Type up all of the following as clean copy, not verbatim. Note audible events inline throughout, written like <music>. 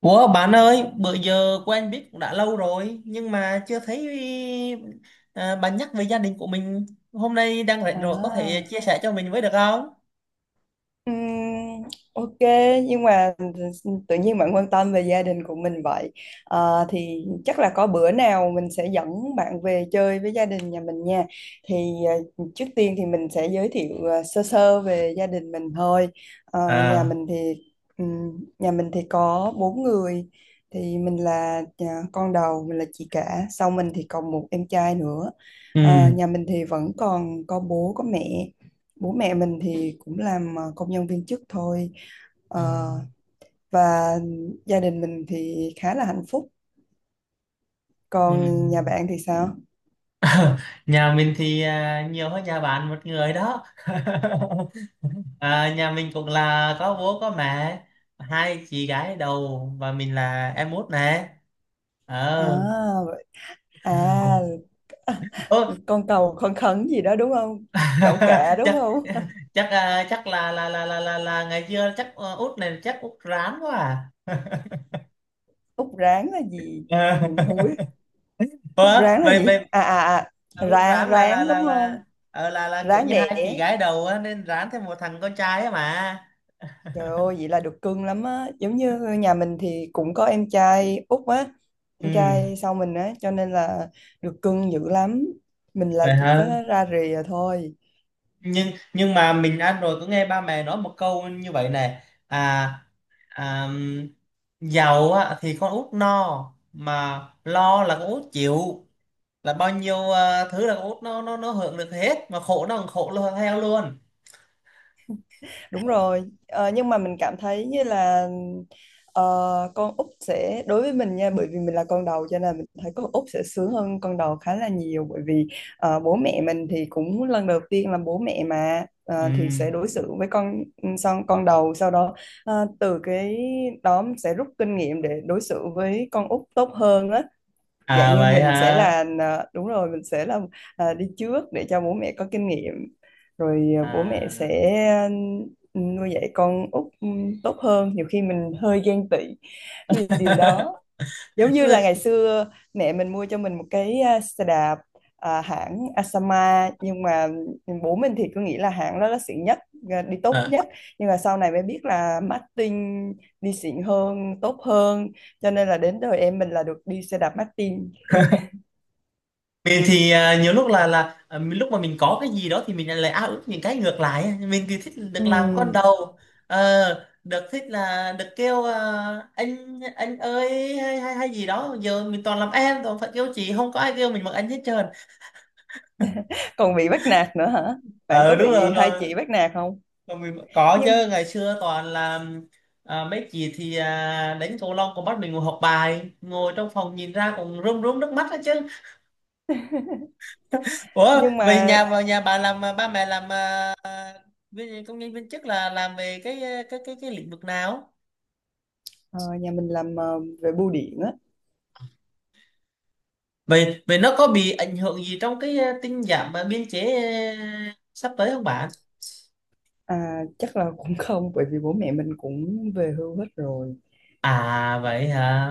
Ủa bạn ơi, bữa giờ quen biết cũng đã lâu rồi nhưng mà chưa thấy bạn nhắc về gia đình của mình. Hôm nay đang rảnh rồi có thể à chia sẻ cho mình với được không? Ừm, ok, nhưng mà tự nhiên bạn quan tâm về gia đình của mình vậy? Thì chắc là có bữa nào mình sẽ dẫn bạn về chơi với gia đình nhà mình nha. thì Trước tiên thì mình sẽ giới thiệu sơ sơ về gia đình mình thôi. Ờ, nhà À, mình thì nhà mình thì có 4 người. Thì mình là, con đầu. Mình là chị cả, sau mình thì còn một em trai nữa. ừ, Nhà mình thì vẫn còn có bố có mẹ. Bố mẹ mình thì cũng làm công nhân viên chức thôi. ờ, Ờ, và gia đình mình thì khá là hạnh phúc. ừ. Còn nhà bạn thì sao? <laughs> Nhà mình thì nhiều hơn nhà bạn một người đó. <laughs> Nhà mình cũng là có bố có mẹ, hai chị gái đầu và mình là em út nè. Ờ. à, vậy- à <laughs> Ô, con cầu con khấn gì đó đúng không? Cậu kẹ <laughs> đúng chắc không? <laughs> chắc à, chắc là ngày xưa chắc út này chắc út rán quá à. Út ráng là gì? Mình không biết. <laughs> Út Ờ, ráng là vậy gì? vậy út Ra rán ráng đúng không? là ờ, là kiểu Ráng như đẻ. hai chị gái đầu á, nên rán thêm một thằng con trai á mà. Trời ơi, vậy là được cưng lắm á. Giống như nhà mình thì cũng có em trai út á, em Ừ, trai sau mình á, cho nên là được cưng dữ lắm. Mình là vậy chỉ có hả? ra rìa thôi. Nhưng nhưng mà mình ăn rồi có nghe ba mẹ nói một câu như vậy này. à, à Giàu á, thì con út no mà lo là con út chịu, là bao nhiêu thứ là con út nó hưởng được hết mà khổ nó còn khổ luôn theo luôn. Đúng rồi. Ờ, nhưng mà mình cảm thấy như là, ờ, con út sẽ đối với mình nha. Bởi vì mình là con đầu cho nên mình thấy con út sẽ sướng hơn con đầu khá là nhiều. Bởi vì bố mẹ mình thì cũng lần đầu tiên làm bố mẹ mà, Ừ. Thì sẽ đối xử với con son con đầu. Sau đó, từ cái đó mình sẽ rút kinh nghiệm để đối xử với con út tốt hơn á. Dạng À, như vậy mình sẽ hả? là, đúng rồi, mình sẽ là, đi trước để cho bố mẹ có kinh nghiệm, rồi bố mẹ sẽ À. ờ, nuôi dạy con út tốt hơn. Nhiều khi mình hơi ghen tị vì điều đó. <laughs> Giống như là ngày xưa mẹ mình mua cho mình một cái, xe đạp hãng Asama. Nhưng mà bố mình thì cứ nghĩ là hãng đó là xịn nhất, đi tốt Ờ. nhất. Nhưng mà sau này mới biết là Martin đi xịn hơn tốt hơn, cho nên là đến đời em mình là được đi xe đạp Martin. Mình thì nhiều lúc lúc mà mình có cái gì đó thì mình lại ao ước những cái ngược lại á. Mình thì thích được làm con Ừm. đầu. Ờ, được thích là được kêu anh ơi hay hay hay gì đó. Giờ mình toàn làm em toàn phải kêu chị không có ai kêu mình bằng anh hết trơn. Còn bị bắt nạt nữa hả? Bạn Ờ, có đúng rồi. bị hai chị bắt nạt không? Còn mình có nhưng chứ, ngày xưa toàn là mấy chị thì đánh cầu lông còn bắt mình ngồi học bài ngồi trong phòng nhìn ra còn rơm rớm nước mắt đó chứ. Ủa nhưng vậy mà nhà vào nhà bà làm, ba mẹ làm, công nhân viên chức là làm về cái cái lĩnh vực nào? ờ, nhà mình làm về bưu điện á. Vậy vậy nó có bị ảnh hưởng gì trong cái tinh giảm biên chế sắp tới không bạn? Chắc là cũng không, bởi vì bố mẹ mình cũng về hưu hết rồi. À, vậy hả?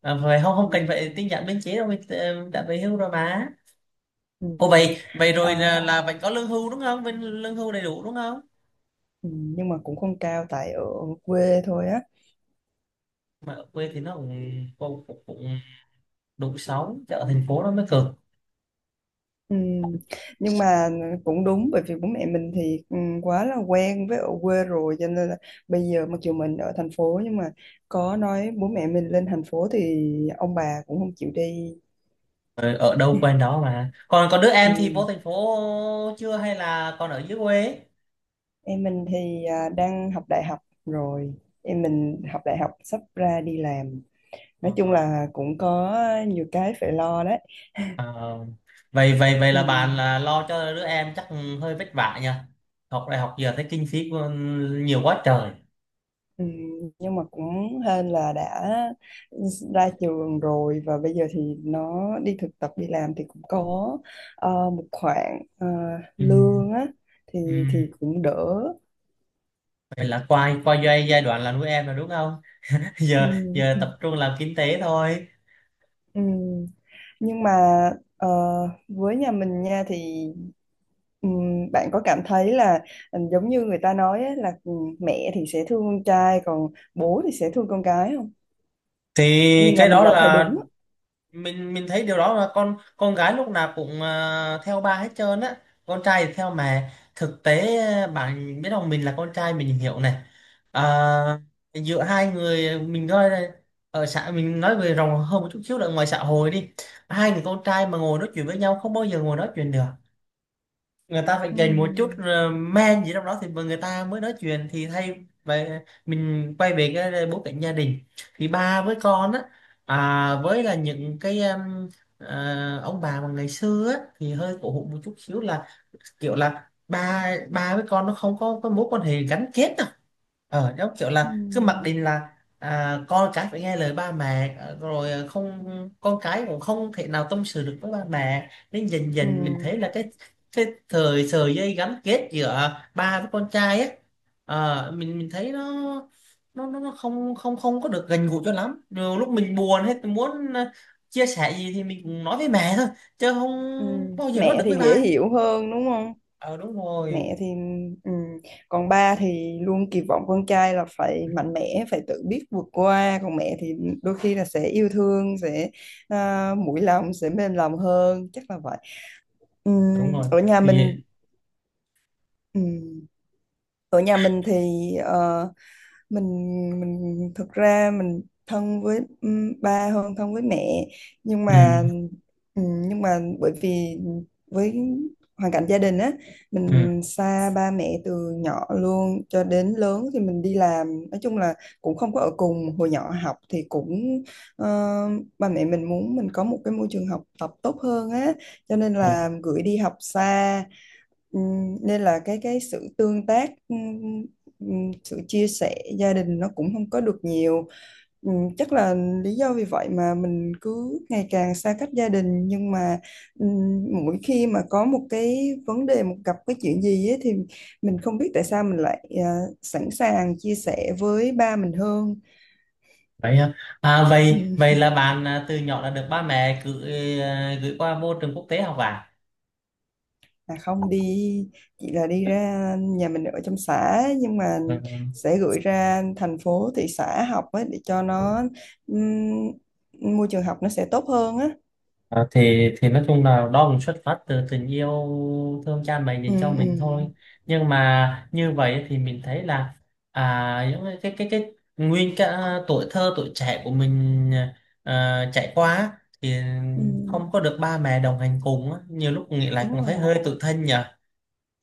Vậy không không Ờ. cần phải tinh giảm biên chế đâu, mình đã về hưu rồi mà. Ừ. Ồ, vậy vậy rồi Ờ. là vẫn có lương hưu đúng không? Bên lương hưu đầy đủ đúng không? Ừ. Nhưng mà cũng không cao, tại ở quê thôi á. Mà ở quê thì nó cũng đủ sống chứ ở thành phố nó mới cực. Ừ, nhưng mà cũng đúng. Bởi vì bố mẹ mình thì, quá là quen với ở quê rồi, cho nên là bây giờ mặc dù mình ở thành phố nhưng mà có nói bố mẹ mình lên thành phố thì ông bà cũng không chịu đi. Ờ, ở đâu quen <laughs> đó mà. Còn còn đứa em thì vô Ừ. thành phố chưa hay là còn ở dưới quê? Em mình thì, đang học đại học rồi. Em mình học đại học sắp ra đi làm. Ờ, Nói chung là cũng có nhiều cái phải lo đấy. à, vậy vậy vậy Ừ. là bạn là lo cho đứa em chắc hơi vất vả nhỉ. Học đại học giờ thấy kinh phí nhiều quá trời. Ừ. Nhưng mà cũng hên là đã ra trường rồi, và bây giờ thì nó đi thực tập đi làm thì cũng có một khoản Ừ. lương á. thì Ừ. thì cũng đỡ. Vậy là qua qua giai giai đoạn là nuôi em rồi đúng không? <laughs> Ừ. Giờ giờ tập trung làm kinh tế thôi. Ừ. Nhưng mà, ờ, với nhà mình nha thì, bạn có cảm thấy là, giống như người ta nói ấy, là, mẹ thì sẽ thương con trai còn bố thì sẽ thương con cái không? Thì Như nhà cái mình đó là thấy là, đúng á. mình thấy điều đó là con gái lúc nào cũng theo ba hết trơn á. Con trai thì theo mẹ, thực tế bạn biết không, mình là con trai mình hiểu này. À, giữa hai người mình coi này, ở xã mình nói về rộng hơn một chút xíu là ngoài xã hội đi. Hai người con trai mà ngồi nói chuyện với nhau không bao giờ ngồi nói chuyện được. Người ta phải Ừ. dành một chút men gì trong đó thì người ta mới nói chuyện thì thay vậy. Mình quay về cái bối cảnh gia đình thì ba với con á, với là những cái em, ông bà mà ngày xưa á, thì hơi cổ hủ một chút xíu là kiểu là ba ba với con nó không có cái mối quan hệ gắn kết đâu. Giống kiểu Ừ. là cứ mặc định là con cái phải nghe lời ba mẹ, rồi không con cái cũng không thể nào tâm sự được với ba mẹ, nên dần Ừ. dần mình thấy là cái thời sợi dây gắn kết giữa ba với con trai ấy, mình thấy nó không không không có được gần gũi cho lắm. Nhiều lúc mình buồn hết mình muốn chia sẻ gì thì mình cũng nói với mẹ thôi chứ không Ừ. bao giờ nói Mẹ được thì với dễ ba. hiểu hơn đúng không? Ờ, đúng rồi, Mẹ thì, ừ, còn ba thì luôn kỳ vọng con trai là phải mạnh mẽ, phải tự biết vượt qua. Còn mẹ thì đôi khi là sẽ yêu thương, sẽ, mũi lòng sẽ mềm lòng hơn, chắc là vậy. Ừ. đúng rồi Ở nhà thì mình, ừ, ở nhà mình thì, ờ, mình, thực ra mình thân với ba hơn thân với mẹ. Nhưng ừ, mà, bởi vì với hoàn cảnh gia đình á, ừ, mình xa ba mẹ từ nhỏ luôn. Cho đến lớn thì mình đi làm, nói chung là cũng không có ở cùng. Hồi nhỏ học thì cũng, ờ, ba mẹ mình muốn mình có một cái môi trường học tập tốt hơn á, cho nên ừ. là gửi đi học xa. Nên là cái sự tương tác, sự chia sẻ gia đình nó cũng không có được nhiều. Chắc là lý do vì vậy mà mình cứ ngày càng xa cách gia đình. Nhưng mà, mỗi khi mà có một cái vấn đề, một gặp cái chuyện gì ấy, thì mình không biết tại sao mình lại, sẵn sàng chia sẻ với ba mình hơn. Vậy hả? Vậy Ừm. vậy là bạn, từ nhỏ đã được ba mẹ gửi qua môi trường quốc tế học à? Không đi, chỉ là đi ra, nhà mình ở trong xã nhưng mà Ừ. sẽ gửi ra thành phố thị xã học ấy, để cho nó, môi trường học nó sẽ tốt hơn á. À, thì nói chung là đó cũng xuất phát từ tình yêu thương cha mẹ Ừ, dành cho mình thôi, ừ, nhưng mà như vậy thì mình thấy là những cái nguyên cả tuổi thơ tuổi trẻ của mình chạy qua á, thì ừ, không có được ba mẹ đồng hành cùng á. Nhiều lúc nghĩ lại cũng đúng thấy rồi. hơi tủi thân nhỉ.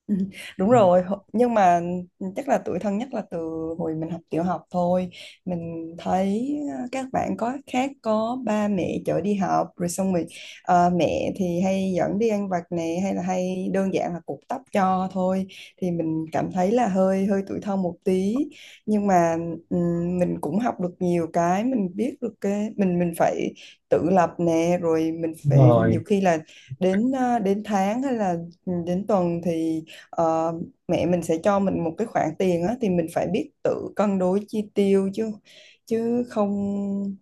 Ừ. Đúng Ừ. rồi. Nhưng mà, chắc là tuổi thân nhất là từ hồi mình học tiểu học thôi. Mình thấy, các bạn có khác, có ba mẹ chở đi học rồi xong rồi, mẹ thì hay dẫn đi ăn vặt nè, hay là hay đơn giản là cột tóc cho thôi. Thì mình cảm thấy là hơi hơi tuổi thân một tí. Nhưng mà, mình cũng học được nhiều cái. Mình biết được cái mình phải tự lập nè, rồi mình phải, nhiều Rồi, khi là đến, đến tháng hay là, đến tuần thì, ờ, mẹ mình sẽ cho mình một cái khoản tiền á. Thì mình phải biết tự cân đối chi tiêu chứ chứ không.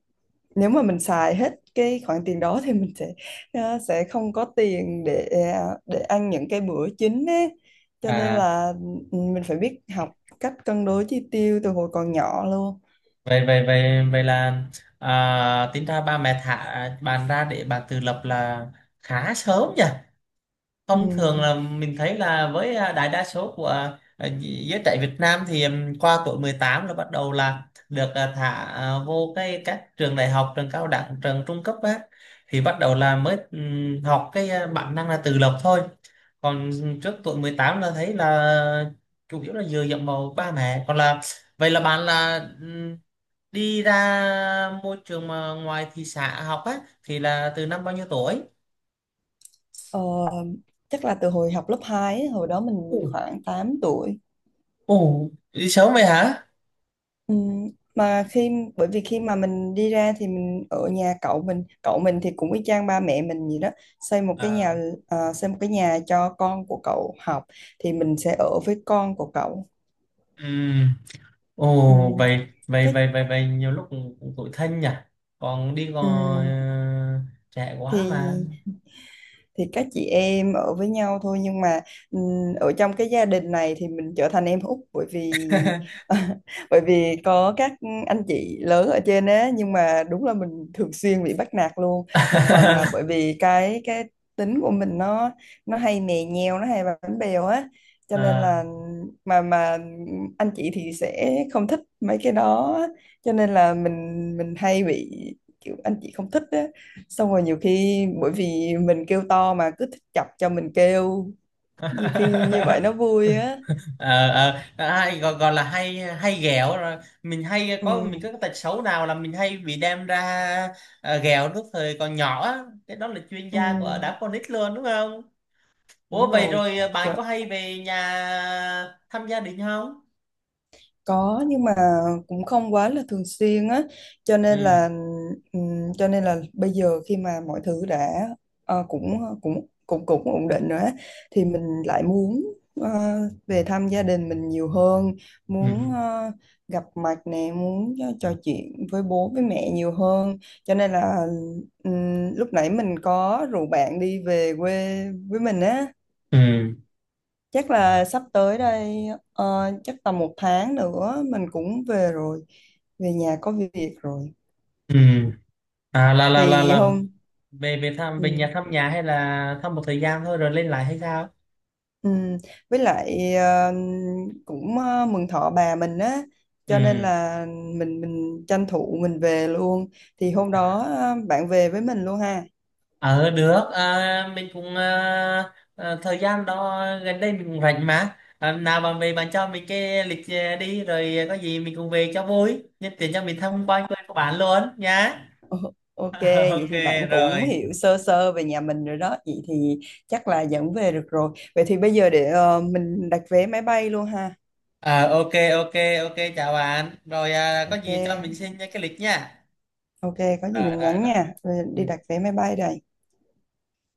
Nếu mà mình xài hết cái khoản tiền đó thì mình sẽ, sẽ không có tiền để ăn những cái bữa chính ấy. Cho nên à là, mình phải biết học cách cân đối chi tiêu từ hồi còn nhỏ luôn. vậy vậy vậy vậy là tính ra ba mẹ thả bạn ra để bạn tự lập là khá sớm nhỉ. Ừ. Thông thường là mình thấy là với đại đa số của giới trẻ Việt Nam thì qua tuổi 18 là bắt đầu là được thả vô cái các trường đại học, trường cao đẳng, trường trung cấp á, thì bắt đầu là mới học cái bản năng là tự lập thôi. Còn trước tuổi 18 là thấy là chủ yếu là dựa dẫm vào ba mẹ. Còn là vậy là bạn là, đi ra môi trường mà ngoài thị xã học á thì là từ năm bao nhiêu tuổi? Ờ, Chắc là từ hồi học lớp 2 ấy, hồi đó Ồ, mình khoảng 8 tuổi. Ồ, đi sớm vậy hả? Ừ, mà khi bởi vì khi mà mình đi ra thì mình ở nhà cậu mình. Cậu mình thì cũng y chang ba mẹ mình gì đó, xây một cái nhà, À, xây một cái nhà cho con của cậu học, thì mình sẽ ở với con của cậu. ừm. Ừ, Ồ, vậy, vậy, chắc. vậy, vậy, vậy, nhiều lúc cũng cũng tủi thân nhỉ. Còn đi còn ừ, trẻ quá mà. thì thì các chị em ở với nhau thôi, nhưng mà, ở trong cái gia đình này thì mình trở thành em út, bởi vì <laughs> <laughs> bởi vì có các anh chị lớn ở trên á, nhưng mà đúng là mình thường xuyên bị bắt nạt luôn. Một phần là bởi vì cái tính của mình, nó hay mè nheo, nó hay bánh bèo á. Cho nên À. là, mà anh chị thì sẽ không thích mấy cái đó. Cho nên là mình hay bị kiểu anh chị không thích á. Xong rồi nhiều khi bởi vì mình kêu to mà cứ thích chọc cho mình kêu. Nhiều khi như vậy nó <laughs> vui á. Ờ, hay gọi là hay hay ghẹo rồi mình Ừ. có cái tật xấu nào là mình hay bị đem ra ghẹo lúc thời còn nhỏ á. Cái đó là chuyên Ừ. gia của đám con nít luôn đúng không? Ủa Đúng vậy rồi. rồi bạn Trời. có hay về nhà thăm gia đình không? Có, nhưng mà cũng không quá là thường xuyên á. cho nên Ừ, là ừm, cho nên là bây giờ khi mà mọi thứ đã, cũng cũng cũng cũng ổn định rồi á, thì mình lại muốn, ờ, về thăm gia đình mình nhiều hơn. Muốn, ừ, gặp mặt nè, muốn trò chuyện với bố với mẹ nhiều hơn, cho nên là, lúc nãy mình có rủ bạn đi về quê với mình á. ừ. Chắc là sắp tới đây, chắc tầm 1 tháng nữa mình cũng về rồi. Về nhà có việc rồi. Ừ. À, là là là Thì là hôm về về thăm về Ừ. nhà thăm nhà hay là thăm một thời gian thôi rồi lên lại hay sao? Ừ. Với lại, cũng, mừng thọ bà mình á, cho nên Ừ. là mình tranh thủ mình về luôn. Thì hôm đó, bạn về với mình luôn ha. Ờ được, mình cũng thời gian đó gần đây mình cũng rảnh mà, nào bạn về bạn cho mình cái lịch, đi rồi có gì mình cùng về cho vui nhân tiện cho mình Ờ. tham quan quê của bạn luôn nhá. Ờ. Ok, <laughs> vậy Ok thì bạn cũng rồi. hiểu sơ sơ về nhà mình rồi đó. Vậy thì chắc là dẫn về được rồi. Vậy thì bây giờ để, mình đặt vé máy bay luôn ha. À, ok, ok, ok, chào bạn. Rồi, có Ok. gì cho mình xin cái lịch nha. Ok, có gì Rồi mình rồi nhắn rồi. nha, rồi Ừ. đi đặt vé máy bay đây.